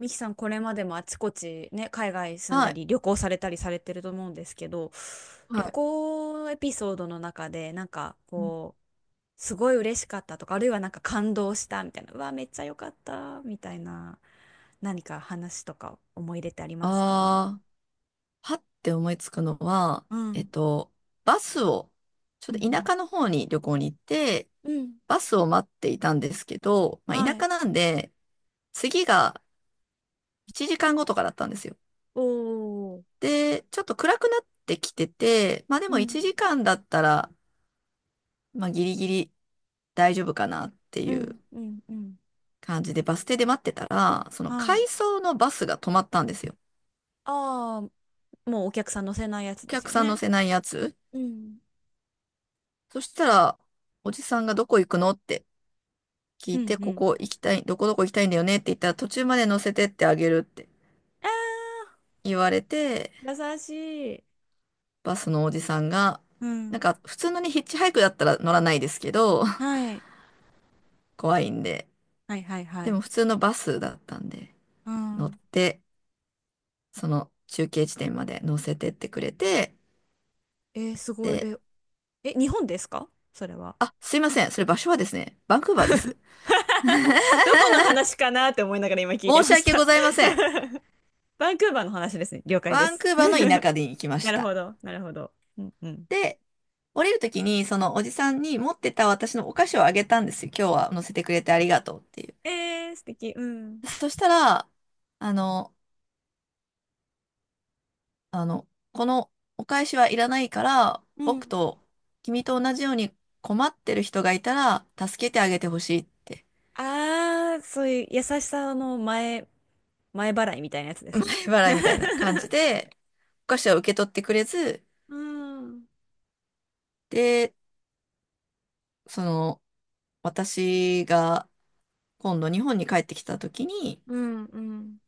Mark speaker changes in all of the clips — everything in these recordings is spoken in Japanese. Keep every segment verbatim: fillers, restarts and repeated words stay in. Speaker 1: ミキさん、これまでもあちこちね、海外住ん
Speaker 2: は
Speaker 1: だ
Speaker 2: い。
Speaker 1: り、旅行されたりされてると思うんですけど、
Speaker 2: は
Speaker 1: 旅
Speaker 2: い。
Speaker 1: 行エピソードの中で、なんかこう、すごい嬉しかったとか、あるいはなんか感動したみたいな、うわ、めっちゃ良かった、みたいな、何か話とか思い入れってありますか？
Speaker 2: ああ、はって思いつくのは、
Speaker 1: う
Speaker 2: えっ
Speaker 1: ん。
Speaker 2: と、バスを、ちょ
Speaker 1: う
Speaker 2: っと田
Speaker 1: ん
Speaker 2: 舎の方に旅行に行って、
Speaker 1: うん。うん。
Speaker 2: バスを待っていたんですけど、まあ、
Speaker 1: は
Speaker 2: 田
Speaker 1: い。
Speaker 2: 舎なんで、次がいちじかんごとかだったんですよ。
Speaker 1: おー。
Speaker 2: で、ちょっと暗くなってきてて、まあで
Speaker 1: う
Speaker 2: も1
Speaker 1: ん。
Speaker 2: 時間だったら、まあギリギリ大丈夫かなって
Speaker 1: う
Speaker 2: い
Speaker 1: ん
Speaker 2: う
Speaker 1: うんうん。
Speaker 2: 感じでバス停で待ってたら、その
Speaker 1: はい。
Speaker 2: 回送のバスが止まったんですよ。
Speaker 1: ああ、もうお客さん乗せないやつ
Speaker 2: お
Speaker 1: です
Speaker 2: 客
Speaker 1: よ
Speaker 2: さん乗
Speaker 1: ね。
Speaker 2: せないやつ。
Speaker 1: うん。
Speaker 2: そしたら、おじさんがどこ行くのって聞
Speaker 1: う
Speaker 2: い
Speaker 1: ん
Speaker 2: て、
Speaker 1: う
Speaker 2: こ
Speaker 1: ん。
Speaker 2: こ行きたい、どこどこ行きたいんだよねって言ったら、途中まで乗せてってあげるって言われて、
Speaker 1: 優しい。
Speaker 2: バスのおじさんが、
Speaker 1: う
Speaker 2: なん
Speaker 1: ん。
Speaker 2: か普通のにヒッチハイクだったら乗らないですけど、
Speaker 1: はい。
Speaker 2: 怖いんで。
Speaker 1: はいはいは
Speaker 2: でも
Speaker 1: い。
Speaker 2: 普通のバスだったんで、
Speaker 1: う
Speaker 2: 乗っ
Speaker 1: ん。
Speaker 2: て、その中継地点まで乗せてってくれて、
Speaker 1: えーすごい。
Speaker 2: で、
Speaker 1: え、え、日本ですかそれは？
Speaker 2: あ、すいません。それ場所はですね、バンクーバーです。
Speaker 1: どこの話 かなって思いながら今聞いて
Speaker 2: 申し
Speaker 1: まし
Speaker 2: 訳ご
Speaker 1: た。
Speaker 2: ざいません。
Speaker 1: バンクーバーの話ですね。了解で
Speaker 2: バン
Speaker 1: す。
Speaker 2: クーバーの田舎 に行きま
Speaker 1: な
Speaker 2: し
Speaker 1: る
Speaker 2: た。
Speaker 1: ほど、なるほど。うんうん。
Speaker 2: で、降りるときに、そのおじさんに持ってた私のお菓子をあげたんですよ。今日は乗せてくれてありがとうっていう。
Speaker 1: えー、素敵。うん。
Speaker 2: そしたら、あの、あの、このお返しはいらないから、
Speaker 1: う
Speaker 2: 僕
Speaker 1: ん。
Speaker 2: と君と同じように困ってる人がいたら、助けてあげてほしいって、
Speaker 1: あー、そういう優しさの前、前払いみたいなやつで
Speaker 2: 払
Speaker 1: すね。
Speaker 2: 払いみたいな感 じで、お菓子は受け取ってくれず、
Speaker 1: うん。
Speaker 2: で、その、私が今度日本に帰ってきたときに、
Speaker 1: うん。うん。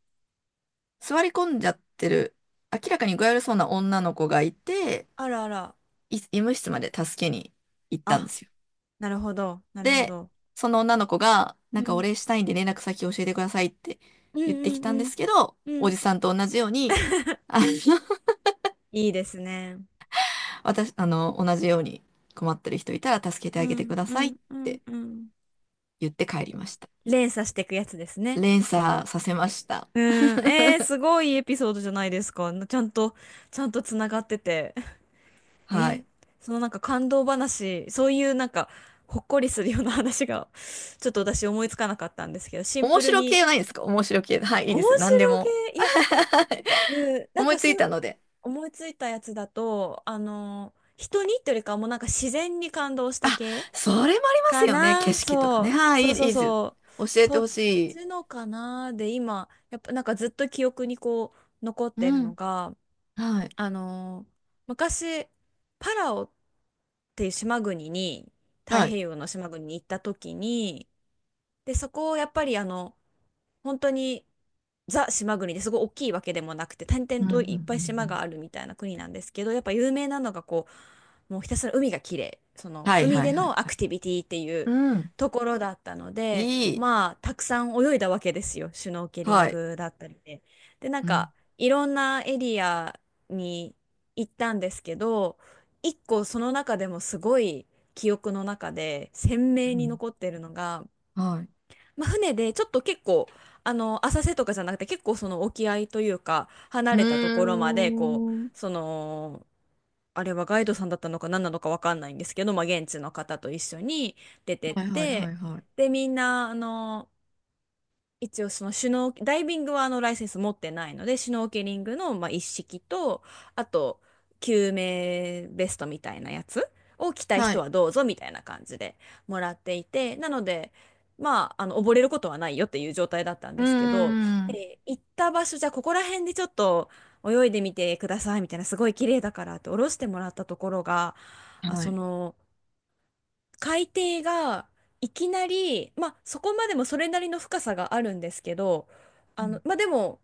Speaker 2: 座り込んじゃってる、明らかに具合悪そうな女の子がいて、
Speaker 1: あらあら。
Speaker 2: い医務室まで助けに行ったんで
Speaker 1: あ、
Speaker 2: すよ。
Speaker 1: なるほど、なるほ
Speaker 2: で、
Speaker 1: ど。
Speaker 2: その女の子が、
Speaker 1: う
Speaker 2: なんかお
Speaker 1: ん。
Speaker 2: 礼したいんで連絡先教えてくださいって
Speaker 1: うん
Speaker 2: 言って
Speaker 1: う
Speaker 2: きたんで
Speaker 1: ん
Speaker 2: すけど、
Speaker 1: うんう
Speaker 2: お
Speaker 1: ん。
Speaker 2: じさんと同じように、あの、
Speaker 1: いいですね。
Speaker 2: 私、あの、同じように困ってる人いたら助けて
Speaker 1: う
Speaker 2: あげて
Speaker 1: ん
Speaker 2: くだ
Speaker 1: う
Speaker 2: さいっ
Speaker 1: んうん
Speaker 2: て
Speaker 1: うん。
Speaker 2: 言って帰りました。
Speaker 1: 連鎖していくやつですね。
Speaker 2: 連
Speaker 1: そ
Speaker 2: 鎖
Speaker 1: の。
Speaker 2: させました。
Speaker 1: うん。えー、すごいエピソードじゃないですか。ちゃんと、ちゃんとつながってて。
Speaker 2: は
Speaker 1: え、
Speaker 2: い。
Speaker 1: そのなんか感動話、そういうなんか、ほっこりするような話が、ちょっと私思いつかなかったんですけど、シン
Speaker 2: 面
Speaker 1: プル
Speaker 2: 白系
Speaker 1: に、
Speaker 2: ないですか面白系。はい、いい
Speaker 1: 面
Speaker 2: ですよ。何で
Speaker 1: 白
Speaker 2: も。
Speaker 1: げ。いや、なうん、なん
Speaker 2: 思い
Speaker 1: か
Speaker 2: つ
Speaker 1: す、
Speaker 2: いたので。
Speaker 1: 思いついたやつだと、あの、人にっていうよりかはもうなんか自然に感動した系
Speaker 2: それもあります
Speaker 1: か
Speaker 2: よね。景
Speaker 1: な。
Speaker 2: 色とか
Speaker 1: そ
Speaker 2: ね。
Speaker 1: う。
Speaker 2: はい、
Speaker 1: そ
Speaker 2: い
Speaker 1: う
Speaker 2: い
Speaker 1: そう
Speaker 2: です。
Speaker 1: そ
Speaker 2: 教
Speaker 1: う。
Speaker 2: え
Speaker 1: そ
Speaker 2: てほ
Speaker 1: っ
Speaker 2: しい。
Speaker 1: ちのかなで、今、やっぱなんかずっと記憶にこう、残ってる
Speaker 2: う
Speaker 1: の
Speaker 2: ん。
Speaker 1: が、
Speaker 2: はい。
Speaker 1: あの、昔、パラオっていう島国に、太
Speaker 2: は
Speaker 1: 平
Speaker 2: い。
Speaker 1: 洋の島国に行った時に、で、そこをやっぱりあの、本当にザ島国で、すごい大きいわけでもなくて、点
Speaker 2: う
Speaker 1: 々
Speaker 2: ん、うん、うん。
Speaker 1: といっぱい
Speaker 2: う
Speaker 1: 島が
Speaker 2: ん。
Speaker 1: あるみたいな国なんですけど、やっぱ有名なのが、こうもうひたすら海が綺麗、その
Speaker 2: はい
Speaker 1: 海
Speaker 2: はい
Speaker 1: で
Speaker 2: はい
Speaker 1: のア
Speaker 2: は
Speaker 1: ク
Speaker 2: い。
Speaker 1: ティビティっていう
Speaker 2: うん。
Speaker 1: ところだったので、
Speaker 2: いい。
Speaker 1: まあたくさん泳いだわけですよ、シュノーケリン
Speaker 2: はい。
Speaker 1: グだったりで。でなん
Speaker 2: う
Speaker 1: か
Speaker 2: ん。
Speaker 1: いろんなエリアに行ったんですけど、一個その中でもすごい記憶の中で鮮
Speaker 2: う
Speaker 1: 明に
Speaker 2: ん。
Speaker 1: 残ってるのが、
Speaker 2: はい。
Speaker 1: まあ、船でちょっと結構、あの浅瀬とかじゃなくて結構その沖合というか離
Speaker 2: う
Speaker 1: れたところま
Speaker 2: ー
Speaker 1: で、こう
Speaker 2: ん。
Speaker 1: そのあれはガイドさんだったのか何なのか分かんないんですけど、まあ、現地の方と一緒に出てっ
Speaker 2: はいはいは
Speaker 1: て、
Speaker 2: いはい。
Speaker 1: でみんなあの一応そのシュノー、ダイビングはあのライセンス持ってないので、シュノーケリングのまあ一式と、あと救命ベストみたいなやつを着たい
Speaker 2: は
Speaker 1: 人
Speaker 2: い。
Speaker 1: はどうぞみたいな感じでもらっていて、なので、まあ、あの溺れることはないよっていう状態だったん
Speaker 2: う
Speaker 1: で
Speaker 2: ー
Speaker 1: すけど、
Speaker 2: ん。
Speaker 1: で行った場所、じゃあここら辺でちょっと泳いでみてくださいみたいな、すごい綺麗だからって下ろしてもらったところが、あ、
Speaker 2: は
Speaker 1: そ
Speaker 2: い。
Speaker 1: の、海底がいきなり、まあ、そこまでもそれなりの深さがあるんですけど、
Speaker 2: う
Speaker 1: あの、
Speaker 2: ん。
Speaker 1: まあ、でも、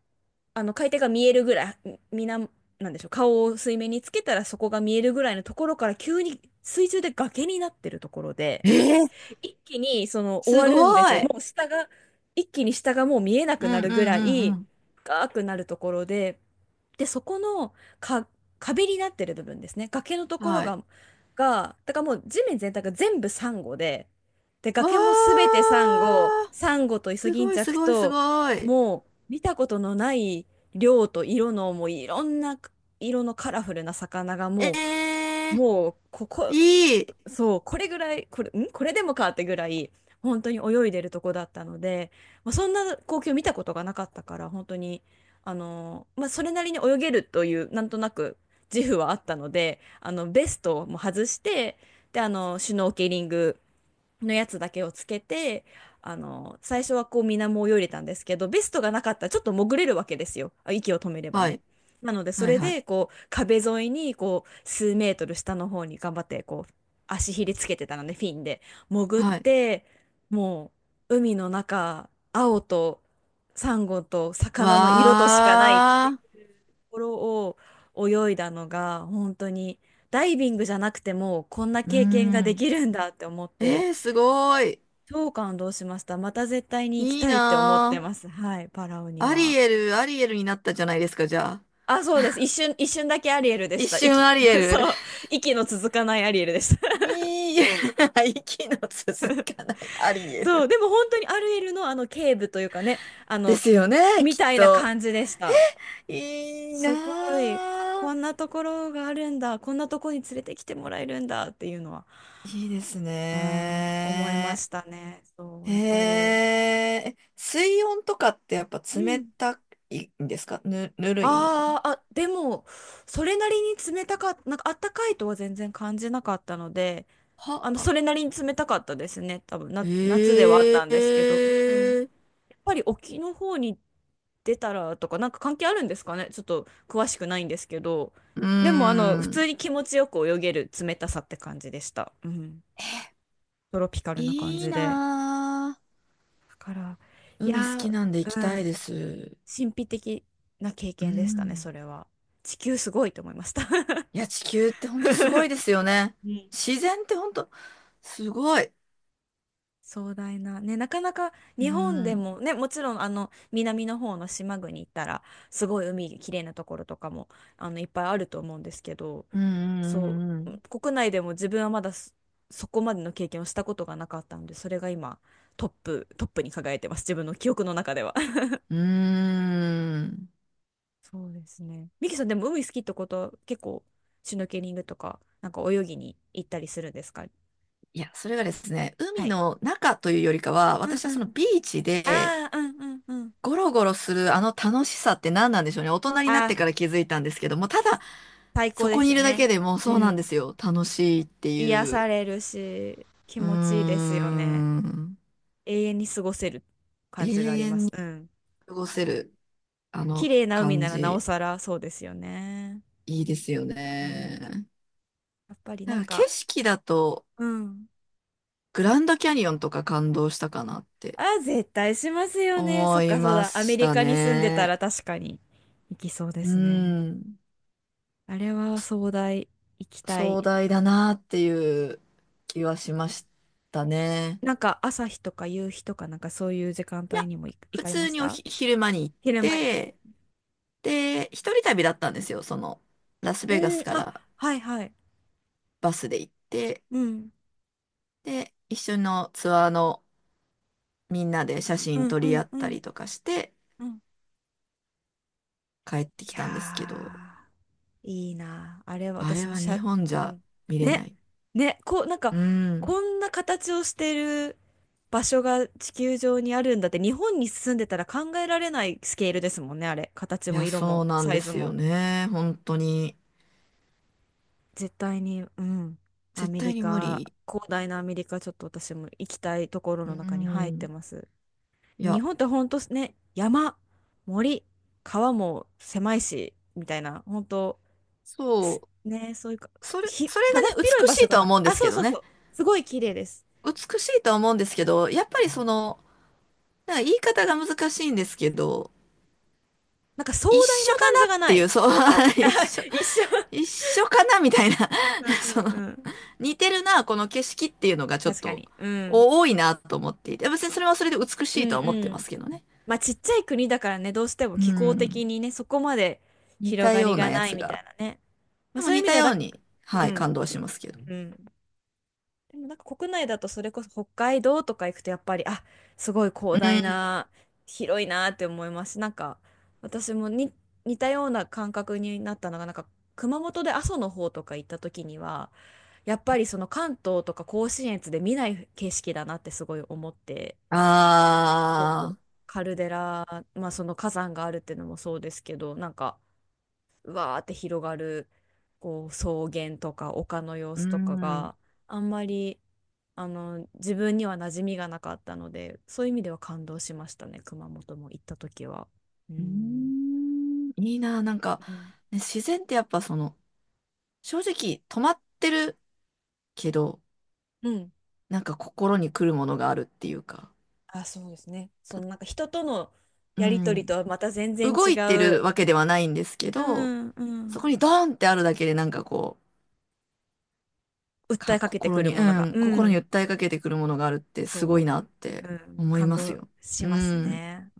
Speaker 1: あの海底が見えるぐらい、みな、なんでしょう、顔を水面につけたらそこが見えるぐらいのところから急に水中で崖になってるところで、
Speaker 2: えー、
Speaker 1: 一気にその終
Speaker 2: す
Speaker 1: わ
Speaker 2: ご
Speaker 1: るんですよ。も
Speaker 2: い。
Speaker 1: う下が、一気に下がもう見えな
Speaker 2: う
Speaker 1: くな
Speaker 2: んう
Speaker 1: る
Speaker 2: ん
Speaker 1: ぐら
Speaker 2: うんう
Speaker 1: い
Speaker 2: ん。
Speaker 1: 深くなるところで、で、そこのか壁になってる部分ですね。崖のところ
Speaker 2: はい。
Speaker 1: が、が、だからもう地面全体が全部サンゴで、で、
Speaker 2: わ
Speaker 1: 崖もすべてサンゴ、
Speaker 2: ー。
Speaker 1: サンゴとイソ
Speaker 2: す
Speaker 1: ギン
Speaker 2: ご
Speaker 1: チ
Speaker 2: い
Speaker 1: ャ
Speaker 2: す
Speaker 1: ク
Speaker 2: ごいす
Speaker 1: と、
Speaker 2: ごい。
Speaker 1: もう見たことのない量と色の、もういろんな色のカラフルな魚が
Speaker 2: え
Speaker 1: もう、
Speaker 2: ー、
Speaker 1: もうここ、
Speaker 2: いい。
Speaker 1: そう、これぐらい、これ、んこれでもかってぐらい、本当に泳いでるとこだったので、まあ、そんな光景を見たことがなかったから、本当に、あのーまあ、それなりに泳げるという、なんとなく自負はあったので、あの、ベストも外して、で、あの、シュノーケリングのやつだけをつけて、あの最初はこう水面を泳いでたんですけど、ベストがなかったらちょっと潜れるわけですよ、あ息を止めれば
Speaker 2: は
Speaker 1: ね。
Speaker 2: い。
Speaker 1: なのでそ
Speaker 2: はい
Speaker 1: れ
Speaker 2: はい。
Speaker 1: でこう壁沿いにこう数メートル下の方に頑張ってこう足ひれつけてたのでフィンで潜っ
Speaker 2: はい。
Speaker 1: て、もう海の中青とサンゴと魚の色としかないって
Speaker 2: わー。
Speaker 1: いうところを泳いだのが、本当にダイビングじゃなくてもこんな
Speaker 2: うー
Speaker 1: 経験がで
Speaker 2: ん。
Speaker 1: きるんだって思って。
Speaker 2: えー、すごい。
Speaker 1: 超感動しました。また絶対に行き
Speaker 2: いい
Speaker 1: たいって思って
Speaker 2: な
Speaker 1: ます。はい、パラオに
Speaker 2: ー。アリ
Speaker 1: は。
Speaker 2: エル、アリエルになったじゃないですか、じゃあ。
Speaker 1: あ、そうです。一瞬、一瞬だけアリエルでし
Speaker 2: 一
Speaker 1: た。
Speaker 2: 瞬
Speaker 1: 息。
Speaker 2: アリエ ル。
Speaker 1: そう。息の続かないアリエルでした。
Speaker 2: いい、息の続かないアリ エ
Speaker 1: そう。
Speaker 2: ル。
Speaker 1: でも本当にアリエルのあの警部というかね、あ
Speaker 2: で
Speaker 1: の、
Speaker 2: すよね、
Speaker 1: み
Speaker 2: きっ
Speaker 1: たいな
Speaker 2: と。
Speaker 1: 感じでした。
Speaker 2: いい
Speaker 1: すご
Speaker 2: な
Speaker 1: い。こん
Speaker 2: ー。
Speaker 1: なところがあるんだ。こんなとこに連れてきてもらえるんだっていうのは、
Speaker 2: いいです
Speaker 1: あー、思いま
Speaker 2: ね
Speaker 1: したね。そ
Speaker 2: ー。
Speaker 1: う、やっぱ
Speaker 2: え
Speaker 1: り。
Speaker 2: え、水温とかってやっぱ
Speaker 1: う
Speaker 2: 冷
Speaker 1: ん。
Speaker 2: たいんですか？ぬ、ぬるいのかな
Speaker 1: あーあ、でも、それなりに冷たかった、なんかあったかいとは全然感じなかったので、あの、
Speaker 2: は。
Speaker 1: それなりに冷たかったですね。多分
Speaker 2: え
Speaker 1: な、夏ではあったん
Speaker 2: え。
Speaker 1: ですけど、うん。やっぱり沖の方に出たらとか、なんか関係あるんですかね。ちょっと詳しくないんですけど、
Speaker 2: う
Speaker 1: でも、あの、普通
Speaker 2: ん。
Speaker 1: に気持ちよく泳げる冷たさって感じでした。うん。トロピカルな感
Speaker 2: いい
Speaker 1: じで。
Speaker 2: な
Speaker 1: だから、
Speaker 2: ぁ。
Speaker 1: い
Speaker 2: 海好き
Speaker 1: や
Speaker 2: なんで行
Speaker 1: ー、
Speaker 2: き
Speaker 1: う
Speaker 2: たい
Speaker 1: ん。
Speaker 2: です。
Speaker 1: 神秘的な経
Speaker 2: う
Speaker 1: 験でしたね、
Speaker 2: ん。
Speaker 1: それは。地球すごいと思いました。
Speaker 2: いや、地球ってほんとすご いですよね。
Speaker 1: うん、
Speaker 2: 自然ってほんとすごい。
Speaker 1: 壮大な、ね、なかなか
Speaker 2: う
Speaker 1: 日本で
Speaker 2: ん。
Speaker 1: も、ね、もちろんあの南の方の島国行ったらすごい海きれいなところとかもあのいっぱいあると思うんですけど、
Speaker 2: う
Speaker 1: そ
Speaker 2: んう
Speaker 1: う
Speaker 2: ん
Speaker 1: 国内でも自分はまだそ、そこまでの経験をしたことがなかったので、それが今トップ、トップに輝いてます、自分の記憶の中では。
Speaker 2: うんうん。うーん。
Speaker 1: そうですね。ミキさんでも海好きってことは結構シュノーケリングとかなんか泳ぎに行ったりするんですか？
Speaker 2: いや、それがですね、
Speaker 1: は
Speaker 2: 海
Speaker 1: い。
Speaker 2: の中というよりかは、
Speaker 1: うん
Speaker 2: 私は
Speaker 1: う
Speaker 2: そ
Speaker 1: ん。
Speaker 2: のビーチで
Speaker 1: ああ、うんうんうん。
Speaker 2: ゴロゴロするあの楽しさって何なんでしょうね。大人になっ
Speaker 1: あ
Speaker 2: て
Speaker 1: あ、
Speaker 2: から気づいたんですけども、ただ
Speaker 1: 最高
Speaker 2: そ
Speaker 1: で
Speaker 2: こに
Speaker 1: す
Speaker 2: い
Speaker 1: よ
Speaker 2: るだけ
Speaker 1: ね。
Speaker 2: でもう
Speaker 1: う
Speaker 2: そうなん
Speaker 1: ん。
Speaker 2: ですよ。楽しいって
Speaker 1: 癒
Speaker 2: いう。
Speaker 1: されるし、気
Speaker 2: うー
Speaker 1: 持ちいいですよね。
Speaker 2: ん。
Speaker 1: 永遠に過ごせる感
Speaker 2: 永
Speaker 1: じがありま
Speaker 2: 遠
Speaker 1: す。
Speaker 2: に
Speaker 1: うん。
Speaker 2: 過ごせる、あ
Speaker 1: 綺
Speaker 2: の
Speaker 1: 麗な海
Speaker 2: 感
Speaker 1: ならなお
Speaker 2: じ、
Speaker 1: さらそうですよね。
Speaker 2: いいですよ
Speaker 1: うん。
Speaker 2: ね。
Speaker 1: やっぱりな
Speaker 2: な
Speaker 1: ん
Speaker 2: んか景
Speaker 1: か、
Speaker 2: 色だと、
Speaker 1: うん。
Speaker 2: グランドキャニオンとか感動したかなって
Speaker 1: あ、絶対しますよね。そっ
Speaker 2: 思い
Speaker 1: か、そう
Speaker 2: ま
Speaker 1: だ。アメ
Speaker 2: し
Speaker 1: リ
Speaker 2: た
Speaker 1: カに住んでた
Speaker 2: ね。
Speaker 1: ら確かに行きそうで
Speaker 2: う
Speaker 1: すね。
Speaker 2: ん。
Speaker 1: あれは壮大、行きた
Speaker 2: 壮
Speaker 1: い。
Speaker 2: 大だなっていう気はしましたね。
Speaker 1: なんか朝日とか夕日とかなんかそういう時間
Speaker 2: い
Speaker 1: 帯
Speaker 2: や、
Speaker 1: にも行行
Speaker 2: 普
Speaker 1: かれま
Speaker 2: 通
Speaker 1: し
Speaker 2: にお
Speaker 1: た？
Speaker 2: ひ昼間に行っ
Speaker 1: 昼間に。
Speaker 2: て、で、一人旅だったんですよ。その、ラス
Speaker 1: う
Speaker 2: ベガ
Speaker 1: ん、
Speaker 2: スか
Speaker 1: あ、
Speaker 2: ら
Speaker 1: はいはい。
Speaker 2: バスで行って、
Speaker 1: うん。
Speaker 2: で、一緒のツアーのみんなで写
Speaker 1: う
Speaker 2: 真
Speaker 1: ん
Speaker 2: 撮
Speaker 1: う
Speaker 2: り合
Speaker 1: ん
Speaker 2: っ
Speaker 1: う
Speaker 2: た
Speaker 1: ん
Speaker 2: りとかして
Speaker 1: うん。い
Speaker 2: 帰ってきたんですけ
Speaker 1: や
Speaker 2: ど、
Speaker 1: ー、いいな。あれは
Speaker 2: あれ
Speaker 1: 私も
Speaker 2: は
Speaker 1: し
Speaker 2: 日
Speaker 1: ゃ、
Speaker 2: 本じ
Speaker 1: う
Speaker 2: ゃ
Speaker 1: ん。
Speaker 2: 見れ
Speaker 1: ね、
Speaker 2: ない。
Speaker 1: ね、こう、なんか、
Speaker 2: うん。
Speaker 1: こんな形をしてる場所が地球上にあるんだって、日本に住んでたら考えられないスケールですもんね、あれ。形
Speaker 2: い
Speaker 1: も
Speaker 2: や、
Speaker 1: 色
Speaker 2: そ
Speaker 1: も
Speaker 2: うなん
Speaker 1: サ
Speaker 2: で
Speaker 1: イズ
Speaker 2: すよ
Speaker 1: も。
Speaker 2: ね。本当に。
Speaker 1: 絶対に、うん。ア
Speaker 2: 絶
Speaker 1: メリ
Speaker 2: 対に無
Speaker 1: カ、
Speaker 2: 理。
Speaker 1: 広大なアメリカ、ちょっと私も行きたいところ
Speaker 2: う
Speaker 1: の中に入って
Speaker 2: ん。
Speaker 1: ます。
Speaker 2: い
Speaker 1: 日
Speaker 2: や、
Speaker 1: 本ってほんとね、山、森、川も狭いし、みたいな、本当す
Speaker 2: そ
Speaker 1: ね、そういうか、
Speaker 2: う。それ、
Speaker 1: ひ、
Speaker 2: それ
Speaker 1: だだっ
Speaker 2: がね、
Speaker 1: 広い
Speaker 2: 美
Speaker 1: 場
Speaker 2: し
Speaker 1: 所
Speaker 2: いと
Speaker 1: が
Speaker 2: は
Speaker 1: ない。
Speaker 2: 思うんで
Speaker 1: あ、
Speaker 2: す
Speaker 1: そ
Speaker 2: け
Speaker 1: う
Speaker 2: ど
Speaker 1: そうそ
Speaker 2: ね。
Speaker 1: う。すごい綺麗です。
Speaker 2: 美しいとは思うんですけど、やっぱりその、なんか言い方が難しいんですけど、
Speaker 1: なんか壮
Speaker 2: 一
Speaker 1: 大
Speaker 2: 緒
Speaker 1: な
Speaker 2: だ
Speaker 1: 感じ
Speaker 2: なっ
Speaker 1: が
Speaker 2: て
Speaker 1: な
Speaker 2: い
Speaker 1: い。
Speaker 2: う、そう、
Speaker 1: あ、
Speaker 2: 一
Speaker 1: あ、
Speaker 2: 緒、
Speaker 1: 一緒。
Speaker 2: 一緒かなみたいな、
Speaker 1: うん
Speaker 2: その、
Speaker 1: うんうん。
Speaker 2: 似てるな、この景色っていうのがちょっ
Speaker 1: 確か
Speaker 2: と
Speaker 1: に。うん。
Speaker 2: お多いなと思っていて、別にそれはそれで美し
Speaker 1: う
Speaker 2: い
Speaker 1: ん
Speaker 2: とは思って
Speaker 1: う
Speaker 2: ま
Speaker 1: ん。
Speaker 2: すけどね。
Speaker 1: まあちっちゃい国だからね、どうしても
Speaker 2: う
Speaker 1: 気候的
Speaker 2: ん。
Speaker 1: にね、そこまで
Speaker 2: 似
Speaker 1: 広
Speaker 2: た
Speaker 1: が
Speaker 2: よ
Speaker 1: り
Speaker 2: うな
Speaker 1: が
Speaker 2: や
Speaker 1: ない
Speaker 2: つ
Speaker 1: みた
Speaker 2: が。
Speaker 1: いなね。ま
Speaker 2: で
Speaker 1: あ
Speaker 2: も
Speaker 1: そういう
Speaker 2: 似
Speaker 1: 意味
Speaker 2: た
Speaker 1: では
Speaker 2: よう
Speaker 1: だ、
Speaker 2: に、は
Speaker 1: う
Speaker 2: い、感
Speaker 1: ん、
Speaker 2: 動しますけど。
Speaker 1: うん。でもなんか国内だとそれこそ北海道とか行くとやっぱり、あ、すごい
Speaker 2: う
Speaker 1: 広大
Speaker 2: ん。
Speaker 1: な、広いなって思いますし、なんか私もに似たような感覚になったのが、なんか熊本で阿蘇の方とか行った時には、やっぱりその関東とか甲信越で見ない景色だなってすごい思って、そ
Speaker 2: あ
Speaker 1: う
Speaker 2: あ、
Speaker 1: カルデラ、まあその火山があるっていうのもそうですけど、なんかわーって広がるこう草原とか丘の様
Speaker 2: う
Speaker 1: 子とか
Speaker 2: ん。
Speaker 1: があんまりあの自分には馴染みがなかったので、そういう意味では感動しましたね、熊本も行った時は。う
Speaker 2: うー
Speaker 1: ん
Speaker 2: ん。いいな、なんか、
Speaker 1: うん
Speaker 2: ね、自然ってやっぱその、正直止まってるけど、
Speaker 1: うん。
Speaker 2: なんか心に来るものがあるっていうか。
Speaker 1: あ、そうですね。そのなんか人との
Speaker 2: う
Speaker 1: やりとり
Speaker 2: ん、
Speaker 1: とはまた全然
Speaker 2: 動
Speaker 1: 違
Speaker 2: いてる
Speaker 1: う、
Speaker 2: わけではないんですけ
Speaker 1: う
Speaker 2: ど、
Speaker 1: んう
Speaker 2: そこ
Speaker 1: ん、
Speaker 2: にドーンってあるだけでなんかこう、
Speaker 1: 訴え
Speaker 2: か、
Speaker 1: かけて
Speaker 2: 心
Speaker 1: くる
Speaker 2: に、
Speaker 1: もの
Speaker 2: う
Speaker 1: が、
Speaker 2: ん、
Speaker 1: う
Speaker 2: 心に
Speaker 1: ん、
Speaker 2: 訴えかけてくるものがあるってすご
Speaker 1: そ
Speaker 2: いなっ
Speaker 1: う、
Speaker 2: て
Speaker 1: うん、
Speaker 2: 思い
Speaker 1: 感
Speaker 2: ます
Speaker 1: 動
Speaker 2: よ。
Speaker 1: し
Speaker 2: う
Speaker 1: ます
Speaker 2: ん。
Speaker 1: ね。